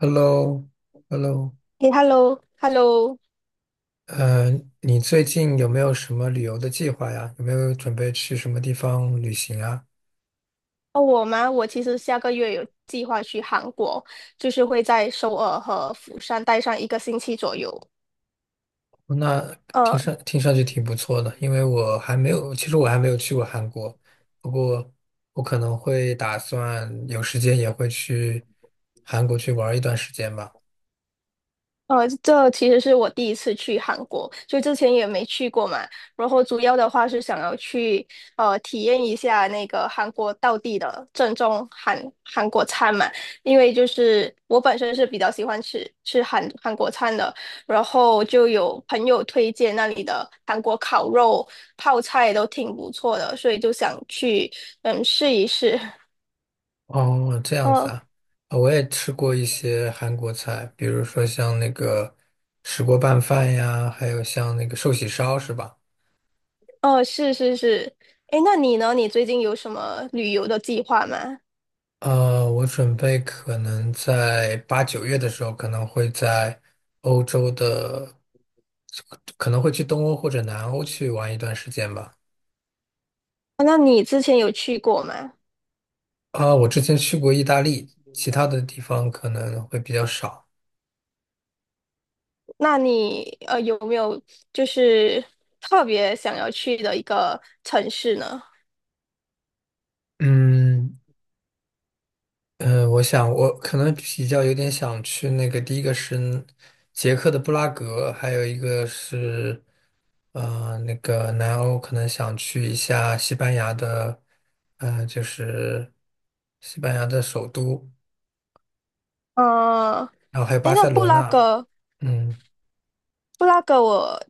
Hello,Hello,诶， h e l l o， h e l l o。 呃，你最近有没有什么旅游的计划呀？有没有准备去什么地方旅行啊？哦，我吗？我其实下个月有计划去韩国，就是会在首尔和釜山待上一个星期左右。哦那听呃。上听上去挺不错的，因为我还没有，其实我还没有去过韩国，不过我可能会打算有时间也会去韩国去玩一段时间吧。这其实是我第一次去韩国，就之前也没去过嘛。然后主要的话是想要去体验一下那个韩国道地的正宗韩国餐嘛，因为就是我本身是比较喜欢吃韩国餐的，然后就有朋友推荐那里的韩国烤肉、泡菜都挺不错的，所以就想去嗯试一试。哦，这样子呃啊，啊我也吃过一些韩国菜，比如说像那个石锅拌饭呀，还有像那个寿喜烧，是吧？呃，是是是。诶，那你呢？你最近有什么旅游的计划吗？我准备可能在八九月的时候，可能会在欧洲的，可能会去东欧或者南欧去玩一段时间吧。啊，那你之前有去过吗？啊，我之前去过意大利，其他的地方可能会比较少。那你有没有就是特别想要去的一个城市呢？嗯。我想我可能比较有点想去那个，第一个是捷克的布拉格，还有一个是。那个南欧可能想去一下西班牙的，嗯，就是西班牙的首都，呃，然后还有诶，巴那塞布罗拉那。格，嗯。布拉格我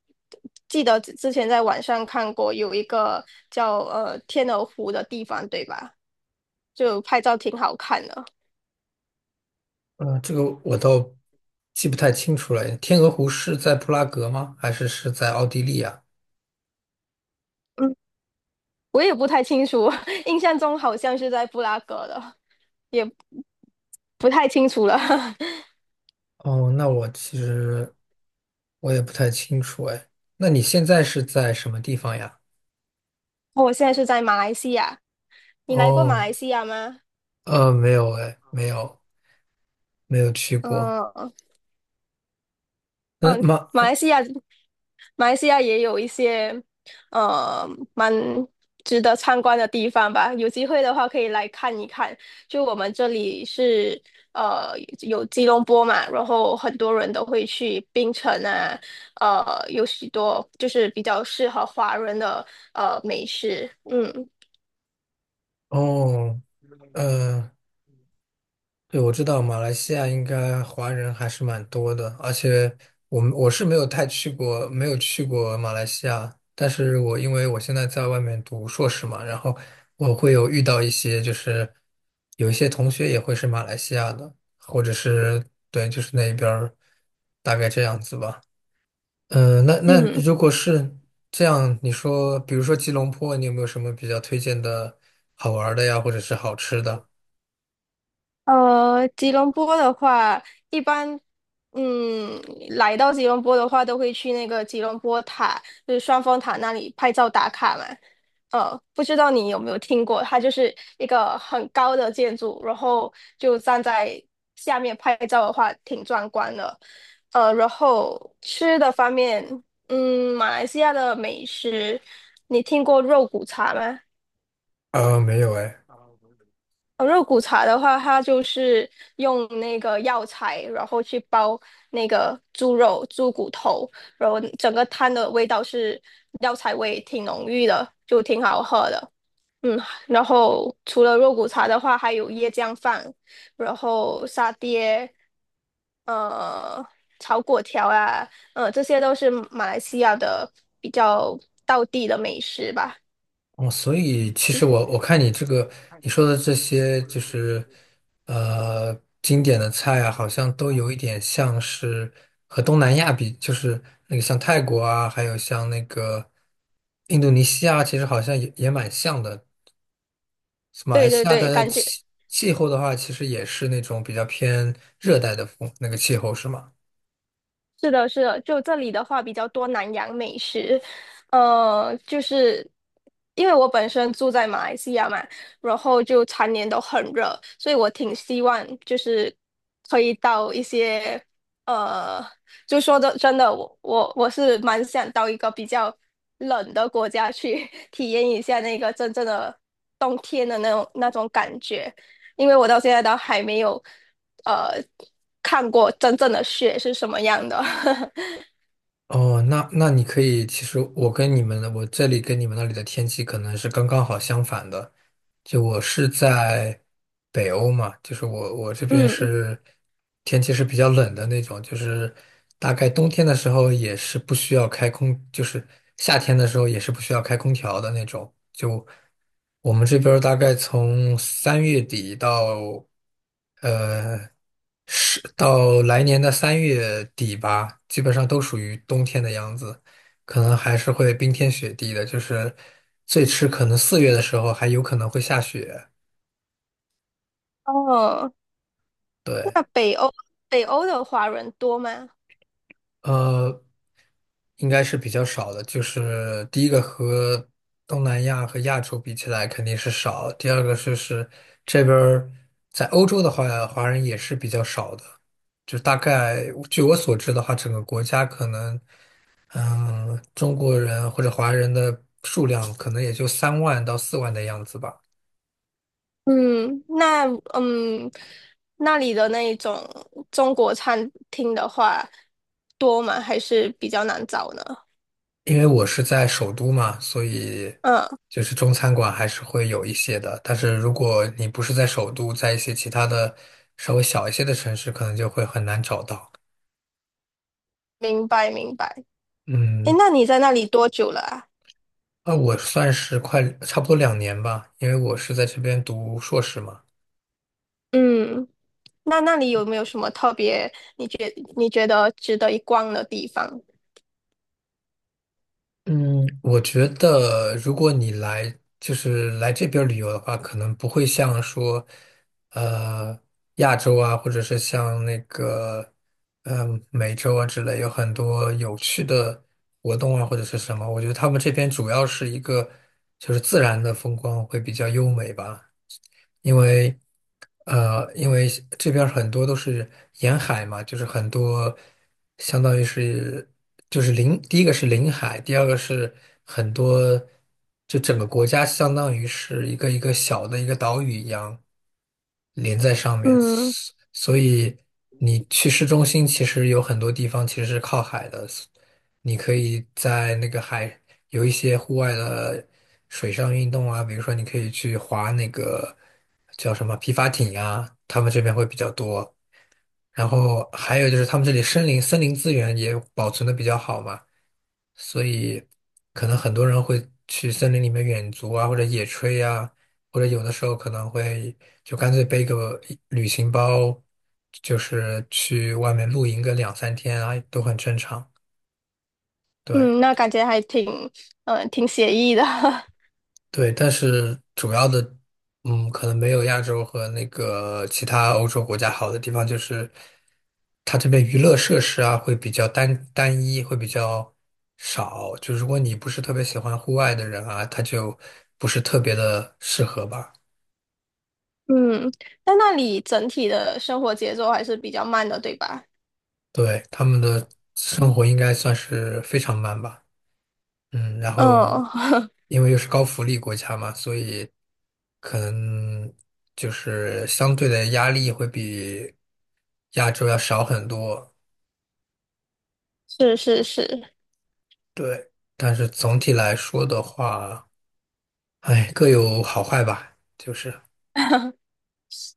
记得之前在网上看过有一个叫天鹅湖的地方，对吧？就拍照挺好看的。这个我倒记不太清楚了。天鹅湖是在布拉格吗？还是在奥地利啊？嗯，我也不太清楚，印象中好像是在布拉格的，也不太清楚了。哦，那我其实我也不太清楚哎。那你现在是在什么地方呀？我现在是在马来西亚，你来过马哦。来西亚吗？没有哎，没有，没有去过。嗯那嗯，马，马来西亚，马来西亚也有一些，呃，蛮值得参观的地方吧。有机会的话，可以来看一看。就我们这里是，呃，有吉隆坡嘛，然后很多人都会去槟城啊，呃，有许多就是比较适合华人的美食。嗯哦。呃对，我知道马来西亚应该华人还是蛮多的，而且我是没有太去过，没有去过马来西亚，但是因为我现在在外面读硕士嘛，然后我会有遇到一些就是有一些同学也会是马来西亚的，或者是对，就是那边儿大概这样子吧。嗯、那那嗯。如果是这样，你说比如说吉隆坡，你有没有什么比较推荐的好玩儿的呀，或者是好吃的？呃，吉隆坡的话，一般，嗯，来到吉隆坡的话，都会去那个吉隆坡塔，就是双峰塔那里拍照打卡嘛。不知道你有没有听过，它就是一个很高的建筑，然后就站在下面拍照的话，挺壮观的。然后吃的方面，嗯，马来西亚的美食，你听过肉骨茶吗？啊、没有哎。肉骨茶的话，它就是用那个药材，然后去煲那个猪肉、猪骨头，然后整个汤的味道是药材味，挺浓郁的，就挺好喝的。嗯，然后除了肉骨茶的话，还有椰浆饭，然后沙爹，呃，炒粿条啊，这些都是马来西亚的比较道地的美食吧。哦，所以其实我看你这个你说的这些就是经典的菜啊，好像都有一点像是和东南亚比，就是那个像泰国啊，还有像那个印度尼西亚，其实好像也蛮像的。马来对对西亚对，的感觉。气候的话，其实也是那种比较偏热带的风那个气候，是吗？是的，是的，就这里的话比较多南洋美食，就是因为我本身住在马来西亚嘛，然后就常年都很热，所以我挺希望就是可以到一些，呃，就说的真的，我是蛮想到一个比较冷的国家去 体验一下那个真正的冬天的那种感觉。因为我到现在都还没有呃看过真正的雪是什么样的。哦，那那你可以，其实我跟你们的，我这里跟你们那里的天气可能是刚刚好相反的。就我是在北欧嘛，就是我这边嗯。是天气是比较冷的那种，就是大概冬天的时候也是不需要开空，就是夏天的时候也是不需要开空调的那种。就我们这边儿大概从三月底到呃是到来年的三月底吧，基本上都属于冬天的样子。可能还是会冰天雪地的，就是最迟可能四月的时候还有可能会下雪。哦，对。那北欧的华人多吗？呃，应该是比较少的。就是第一个和东南亚和亚洲比起来肯定是少，第二个就是这边儿在欧洲的话，华人也是比较少的。就大概据我所知的话，整个国家可能，嗯，中国人或者华人的数量可能也就3万到4万的样子吧。嗯，那嗯那里的那一种中国餐厅的话多吗？还是比较难找呢？因为我是在首都嘛，所以嗯，就是中餐馆还是会有一些的。但是如果你不是在首都，在一些其他的稍微小一些的城市，可能就会很难找到。明白明白。诶，嗯，那你在那里多久了啊？那我算是快差不多2年吧，因为我是在这边读硕士嘛。嗯，那那里有没有什么特别你觉得值得一逛的地方？嗯，我觉得如果你来就是来这边儿旅游的话，可能不会像说，呃，亚洲啊，或者是像那个，嗯、美洲啊之类，有很多有趣的活动啊，或者是什么。我觉得他们这边主要是一个就是自然的风光会比较优美吧。因为因为这边儿很多都是沿海嘛，就是很多相当于是就是临，第一个是临海，第二个是很多，就整个国家相当于是一个一个小的一个岛屿一样连在上面，嗯。所以你去市中心其实有很多地方其实是靠海的，你可以在那个海有一些户外的水上运动啊，比如说你可以去划那个叫什么皮划艇啊，他们这边会比较多。然后还有就是他们这里森林资源也保存的比较好嘛，所以可能很多人会去森林里面远足啊，或者野炊啊，或者有的时候可能会就干脆背个一旅行包，就是去外面露营个2, 3天啊，都很正常。对。嗯，那感觉还挺，挺写意的。对，但是主要的，嗯，可能没有亚洲和那个其他欧洲国家好的地方，就是它这边娱乐设施啊会比较单一，会比较少。就如果你不是特别喜欢户外的人啊，他就不是特别的适合吧。嗯，但那里整体的生活节奏还是比较慢的，对吧？对，他们的生活应该算是非常慢吧。嗯，然后嗯，因为又是高福利国家嘛，所以可能就是相对的压力会比亚洲要少很多。是是是，对，但是总体来说的话，哎，各有好坏吧，就是。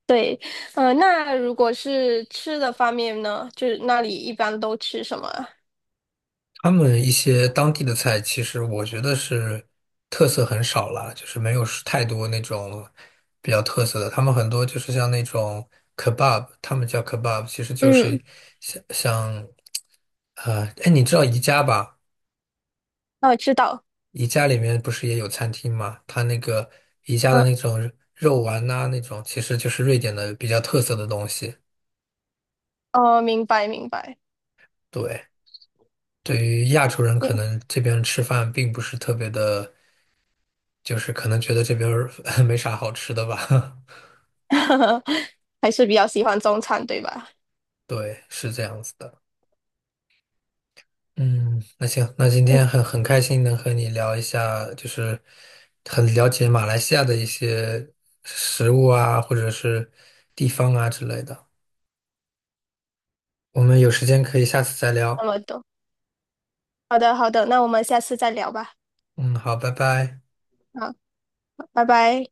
对。那如果是吃的方面呢，就是那里一般都吃什么啊？他们一些当地的菜，其实我觉得是特色很少了，就是没有是太多那种比较特色的。他们很多就是像那种 kebab,他们叫 kebab,其实就嗯，是像哎，你知道宜家吧？哦，知道。宜家里面不是也有餐厅吗？它那个宜家的嗯，那种肉丸呐、那种其实就是瑞典的比较特色的东西。哦，明白明白。对，对于亚洲人，可能这边吃饭并不是特别的。就是可能觉得这边儿 没啥好吃的吧。还是比较喜欢中餐，对吧？对，是这样子的。嗯，那行，那今天嗯，很开心能和你聊一下，就是很了解马来西亚的一些食物啊，或者是地方啊之类的。我们有时间可以下次再那聊。么多。好的好的，那我们下次再聊吧。嗯，好，拜拜。好，拜拜。